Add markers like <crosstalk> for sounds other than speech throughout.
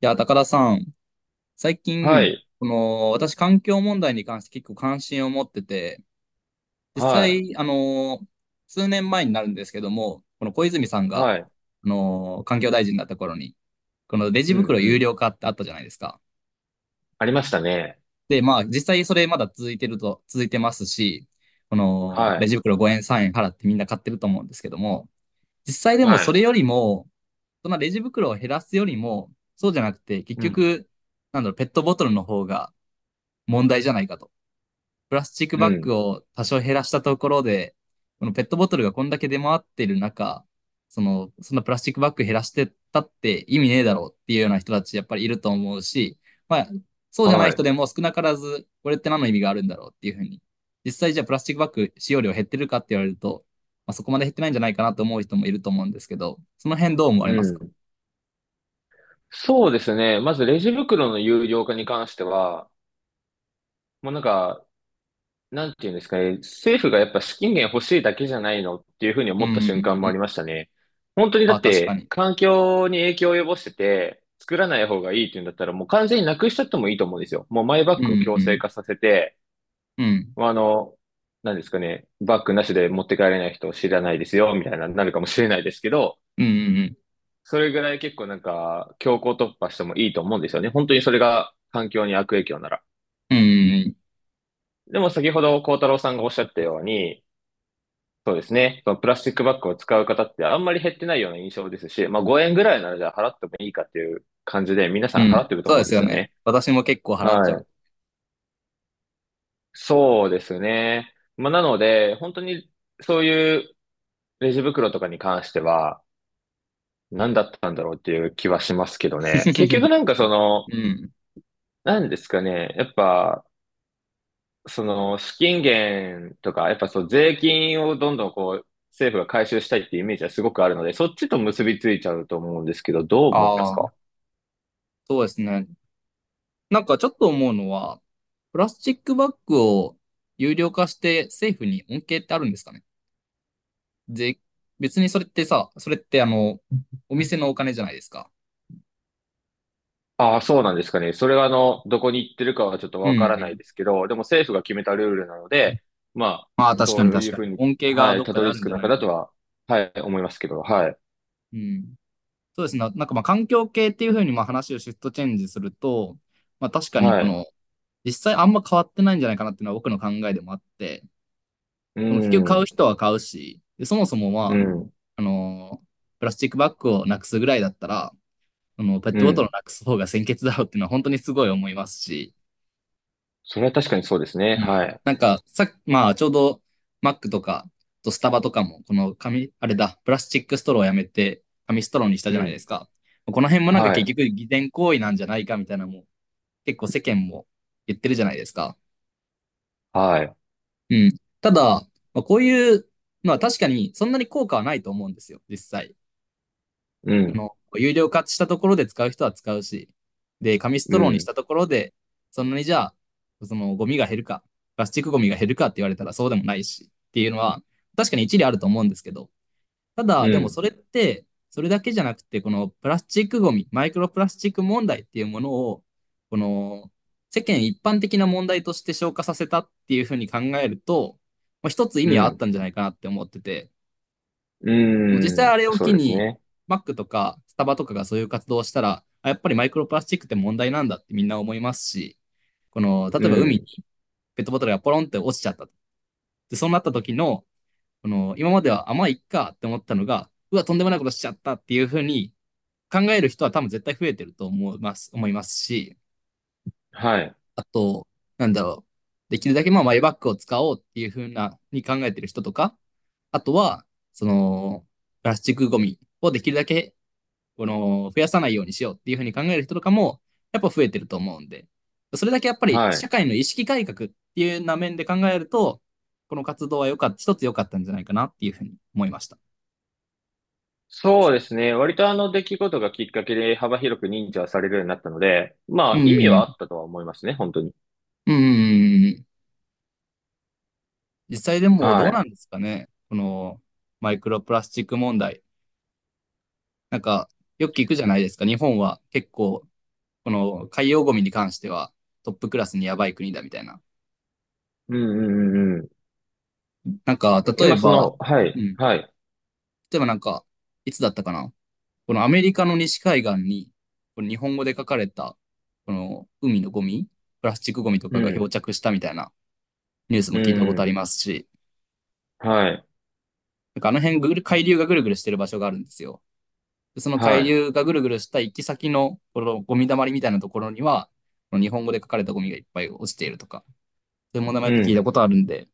いや、高田さん、最は近、い、私、環境問題に関して結構関心を持ってて、実はい、際、数年前になるんですけども、この小泉さんが、はい、環境大臣だった頃に、このレジうん、袋う有ん。料化ってあったじゃないですか。ありましたね。で、まあ、実際それまだ続いてると、続いてますし、この、はレい、ジ袋5円、3円払ってみんな買ってると思うんですけども、実際でもはそい、れよりも、そのレジ袋を減らすよりも、そうじゃなくて、結うん、局、なんだろう、ペットボトルの方が、問題じゃないかと。プラスチックうバッん、グを多少減らしたところで、このペットボトルがこんだけ出回ってる中、そんなプラスチックバッグ減らしてたって意味ねえだろうっていうような人たちやっぱりいると思うし、まあ、そうじゃないは人い、でも少なからず、これって何の意味があるんだろうっていうふうに。実際じゃあプラスチックバッグ使用量減ってるかって言われると、まあ、そこまで減ってないんじゃないかなと思う人もいると思うんですけど、その辺どう思われうますか？ん。そうですね。まずレジ袋の有料化に関しては、もうなんか、なんていうんですかね、政府がやっぱ資金源欲しいだけじゃないのっていうふうにうん思ったうん瞬間うもありん。ましたね。本当にだあ、っ確かて、に。環境に影響を及ぼしてて、作らない方がいいっていうんだったら、もう完全になくしちゃってもいいと思うんですよ。もうマイバうッグを強制ん化させて、うんうん。まあ、何ですかね、バッグなしで持って帰れない人を知らないですよ、みたいな、なるかもしれないですけど、うんうんうん。それぐらい結構なんか、強行突破してもいいと思うんですよね。本当にそれが環境に悪影響なら。うんうんうん。でも先ほど幸太郎さんがおっしゃったように、そうですね、そのプラスチックバッグを使う方ってあんまり減ってないような印象ですし、まあ5円ぐらいならじゃあ払ってもいいかっていう感じで皆さうん払っん。てるとそう思でうんですよすよね。ね。私も結構払っちゃはう。い。そうですね。まあなので、本当にそういうレジ袋とかに関しては、何だったんだろうっていう気はしますけどね。結局 <laughs> なんかうん。何ですかね。やっぱ、その資金源とか、やっぱそう税金をどんどんこう、政府が回収したいっていうイメージはすごくあるので、そっちと結びついちゃうと思うんですけど、どう思いますあか？あ、そうですね。なんかちょっと思うのは、プラスチックバッグを有料化して政府に恩恵ってあるんですかね？で、別にそれってさ、それってお店のお金じゃないですか。ああ、そうなんですかね。それはどこに行ってるかはちょっとうんわからうないですん。けど、でも政府が決めたルールなので、まあ、まあ確かそにうい確うかふに。うに、恩恵がはい、どったかでどありる着んくじゃな中いだか。とは、はい、思いますけど、はい、うん。そうですね。なんかまあ環境系っていうふうにまあ話をシフトチェンジすると、まあ確かにこはい、の、実際あんま変わってないんじゃないかなっていうのは僕の考えでもあって、うでも結局買うん、人は買うし、でそもそもうまあ、ん、あのープラスチックバッグをなくすぐらいだったら、ペッうトボトルをん。なくす方が先決だろうっていうのは本当にすごい思いますし、それは確かにそうですね。うはん。い。なんか、さまあ、ちょうど、マックとか、あとスタバとかも、この紙、あれだ、プラスチックストローをやめて、紙ストローにしたじうゃないでん。すか。この辺もなんかは結い。局、偽善行為なんじゃないかみたいなのも、結構世間も言ってるじゃないですか。はい。うん。ただ、まあ、こういうのは確かにそんなに効果はないと思うんですよ、実際。うん。有料化したところで使う人は使うし、で、紙スうトローにしん。たところで、そんなにじゃあ、そのゴミが減るか、プラスチックゴミが減るかって言われたらそうでもないしっていうのは、確かに一理あると思うんですけど、たうだ、でもん。それって、それだけじゃなくて、このプラスチックゴミ、マイクロプラスチック問題っていうものを、この世間一般的な問題として消化させたっていうふうに考えると、まあ、一つ意味うはあったん。んじゃないかなって思ってて、うもう実際ん。あれをそ機うですに、ね。マックとかスタバとかがそういう活動をしたら、あやっぱりマイクロプラスチックって問題なんだってみんな思いますし、この、例うえば海にん。ペットボトルがポロンって落ちちゃった。で、そうなった時の、この、今までは甘いっかって思ったのが、うわ、とんでもないことしちゃったっていうふうに考える人は多分絶対増えてると思いますし、はい。あと、なんだろう、できるだけまあマイバッグを使おうっていうふうな、に考えてる人とか、あとは、その、プラスチックゴミをできるだけこの、増やさないようにしようっていうふうに考える人とかも、やっぱ増えてると思うんで、それだけやっぱりはい。社会の意識改革っていうような面で考えると、この活動は良かった、一つ良かったんじゃないかなっていうふうに思いました。そうですね。割とあの出来事がきっかけで幅広く認知はされるようになったので、まうあ意味はん。あったとは思いますね、本当に。うん。実際でもどはうない。んですかね。この、マイクロプラスチック問題。なんか、よく聞くじゃないですか。日本は結構、この海洋ゴミに関してはトップクラスにやばい国だみたいな。うんうんうんうん。なんか、例え今そば、の、はうい、ん。はい。例えばなんか、いつだったかな。このアメリカの西海岸に、この日本語で書かれた、この海のゴミ、プラスチックゴミとうかが漂ん、着したみたいなニュースうも聞いたことありん、ますし、はい、なんかあの辺ぐる、海流がぐるぐるしてる場所があるんですよ。でそのは海い。流がぐるぐるした行き先の、このゴミ溜まりみたいなところには、この日本語で書かれたゴミがいっぱい落ちているとか、そういう問題もやうっぱ聞いたん。ことあるんで、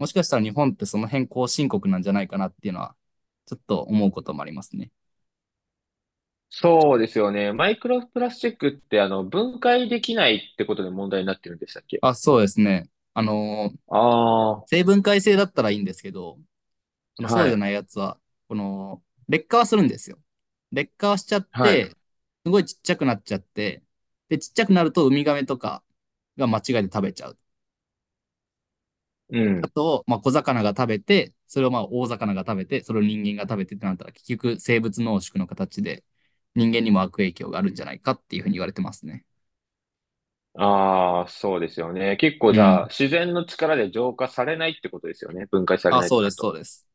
もしかしたら日本ってその辺後進国なんじゃないかなっていうのは、ちょっと思うこともありますね。そうですよね。マイクロプラスチックってあの分解できないってことで問題になってるんでしたっけ？あ、そうですね。あのー、ああ、成分解性だったらいいんですけど、このそはうじゃい、ないやつは、この、劣化はするんですよ。劣化はしちゃっはい、て、すごいちっちゃくなっちゃって、で、ちっちゃくなるとウミガメとかが間違いで食べちゃう。うあん。と、まあ、小魚が食べて、それをまあ大魚が食べて、それを人間が食べてってなったら、結局生物濃縮の形で人間にも悪影響があるんじゃないかっていうふうに言われてますね。ああ、そうですよね。結構うじゃあ、ん。自然の力で浄化されないってことですよね。分解されあ、ないそとうなでるす、そと。うです。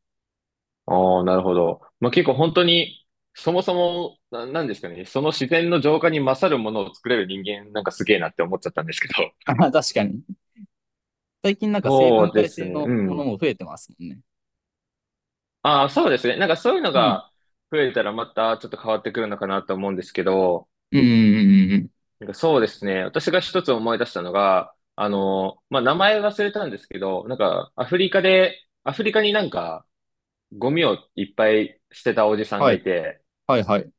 ああ、なるほど。まあ結構本当に、そもそも、なんですかね。その自然の浄化に勝るものを作れる人間、なんかすげえなって思っちゃったんですけど。あ確かに。最近なん <laughs> か生そ分うで解す性ね。のうものん。も増えてますもんね。ああ、そうですね。なんかそういうのうん。が増えたらまたちょっと変わってくるのかなと思うんですけど、うん、うん、うん、うん。なんかそうですね。私が一つ思い出したのが、まあ、名前忘れたんですけど、なんか、アフリカになんか、ゴミをいっぱい捨てたおじさんはがい、いて、はい、はい。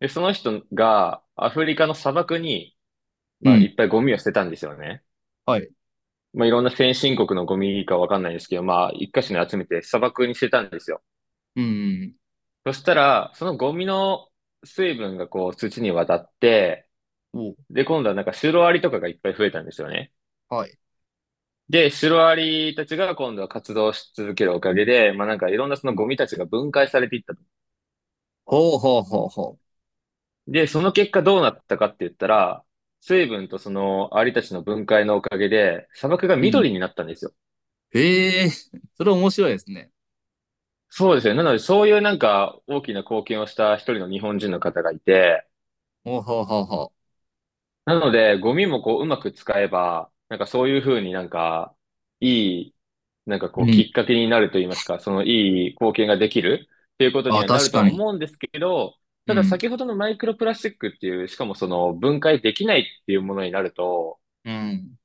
で、その人が、アフリカの砂漠に、うまあ、いん、っぱいゴミを捨てたんですよね。はい。まあ、いろんな先進国のゴミかわかんないですけど、まあ、一箇所に集めて砂漠に捨てたんですよ。うん。そしたら、そのゴミの水分がこう、土に渡って、お、で、今度はなんか、シロアリとかがいっぱい増えたんですよね。はい。で、シロアリたちが今度は活動し続けるおかげで、まあなんかいろんなそのゴミたちが分解されていったと。ほうほうほうほで、その結果どうなったかって言ったら、水分とそのアリたちの分解のおかげで、砂漠がう。うん。緑になったんですよ。へえ、それ面白いですね。そうですよね。なので、そういうなんか大きな貢献をした一人の日本人の方がいて、ほうほうほうほなので、ゴミもこう、うまく使えば、なんかそういうふうになんか、いい、なんかう。こうう、きん。っかけになると言いますか、そのいい貢献ができるっていうことにあ、はな確るとかはに。思うんですけど、うただん。先ほどのマイクロプラスチックっていう、しかもその分解できないっていうものになると、うん。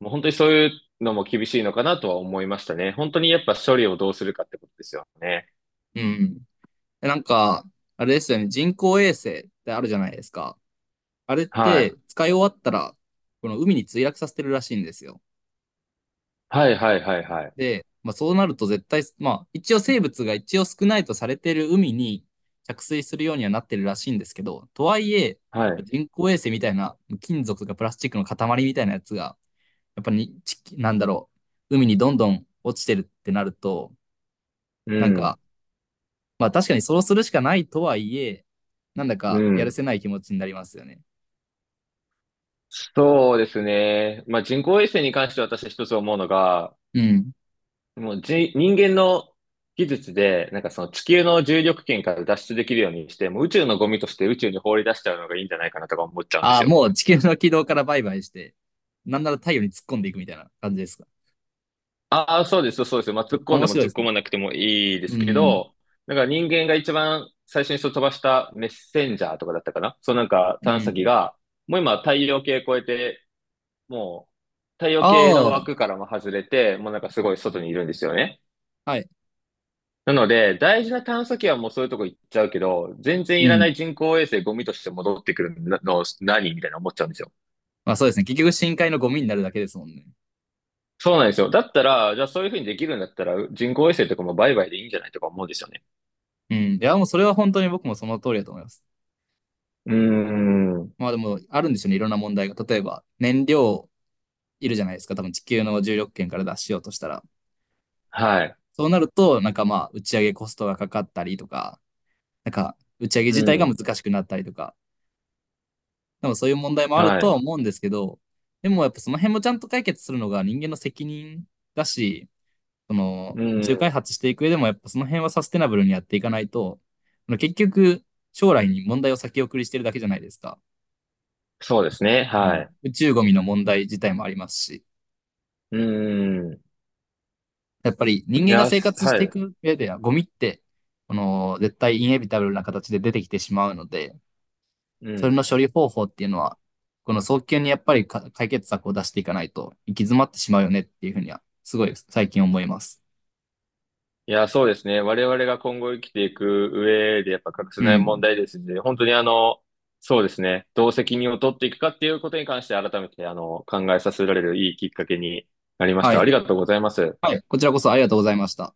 もう本当にそういうのも厳しいのかなとは思いましたね。本当にやっぱ処理をどうするかってことですよね。うん。なんか、あれですよね。人工衛星ってあるじゃないですか。あれっはい。て使い終わったら、この海に墜落させてるらしいんですよ。はいはいはいはい。で、まあ、そうなると絶対、まあ、一応生物が一応少ないとされている海に着水するようにはなってるらしいんですけど、とはいえ、はい。人工衛星みたいな金属とかプラスチックの塊みたいなやつが、やっぱりなんだろう、海にどんどん落ちてるってなると、うなんか、ん。まあ確かにそうするしかないとはいえ、なんだうかやるん。せない気持ちになりますよね。そうですね。まあ、人工衛星に関して私は一つ思うのが、うん。もうじ、人間の技術で、なんかその地球の重力圏から脱出できるようにして、もう宇宙のゴミとして宇宙に放り出しちゃうのがいいんじゃないかなとか思っちゃうんであすあ、よ。もう地球の軌道からバイバイして、なんなら太陽に突っ込んでいくみたいな感じですか。ああ、そうです、そうです。まあ、突っ込ん面でも白い突でっす込ね。まなくてもいいでうすけん。ど、なんか人間が一番最初にそう飛ばしたメッセンジャーとかだったかな。そうなんかう探査機ん。が、もう今太陽系越えて、もう太陽あ系のあ、枠からも外れて、もうなんかすごい外にいるんですよね。はい。なので、大事な探査機はもうそういうとこ行っちゃうけど、全然ういらないん。人工衛星ゴミとして戻ってくるの何みたいな思っちゃうんですよ。まあそうですね。結局深海のゴミになるだけですもんね。そうなんですよ。だったら、じゃあそういうふうにできるんだったら、人工衛星とかも売買でいいんじゃないとか思うんですよね。うん。いや、もうそれは本当に僕もその通りだと思います。うーん。まあでも、あるんでしょうね。いろんな問題が。例えば、燃料いるじゃないですか。多分地球の重力圏から脱しようとしたら。はい。そうなると、なんかまあ、打ち上げコストがかかったりとか、なんか、打ち上げう自体がん。難しくなったりとか、でもそういう問題もあるはとはい。思うんですけど、でもやっぱその辺もちゃんと解決するのが人間の責任だし、そのう宇宙開ん。発していく上でもやっぱその辺はサステナブルにやっていかないと、結局将来に問題を先送りしてるだけじゃないですか。そうですね。うはん、い。宇宙ゴミの問題自体もありますし、うん。いやっぱり人間がや、生活しはていい。く上ではゴミって、この絶対インエビタブルな形で出てきてしまうので、うそれん。の処理方法っていうのは、この早急にやっぱりか解決策を出していかないと行き詰まってしまうよねっていうふうには、すごい最近思います。いや、そうですね。我々が今後生きていく上でやっぱ欠かせうない問ん。題ですので、本当にそうですね。どう責任を取っていくかっていうことに関して改めて考えさせられるいいきっかけになりましはた。い。ありがとうございます。はい。こちらこそありがとうございました。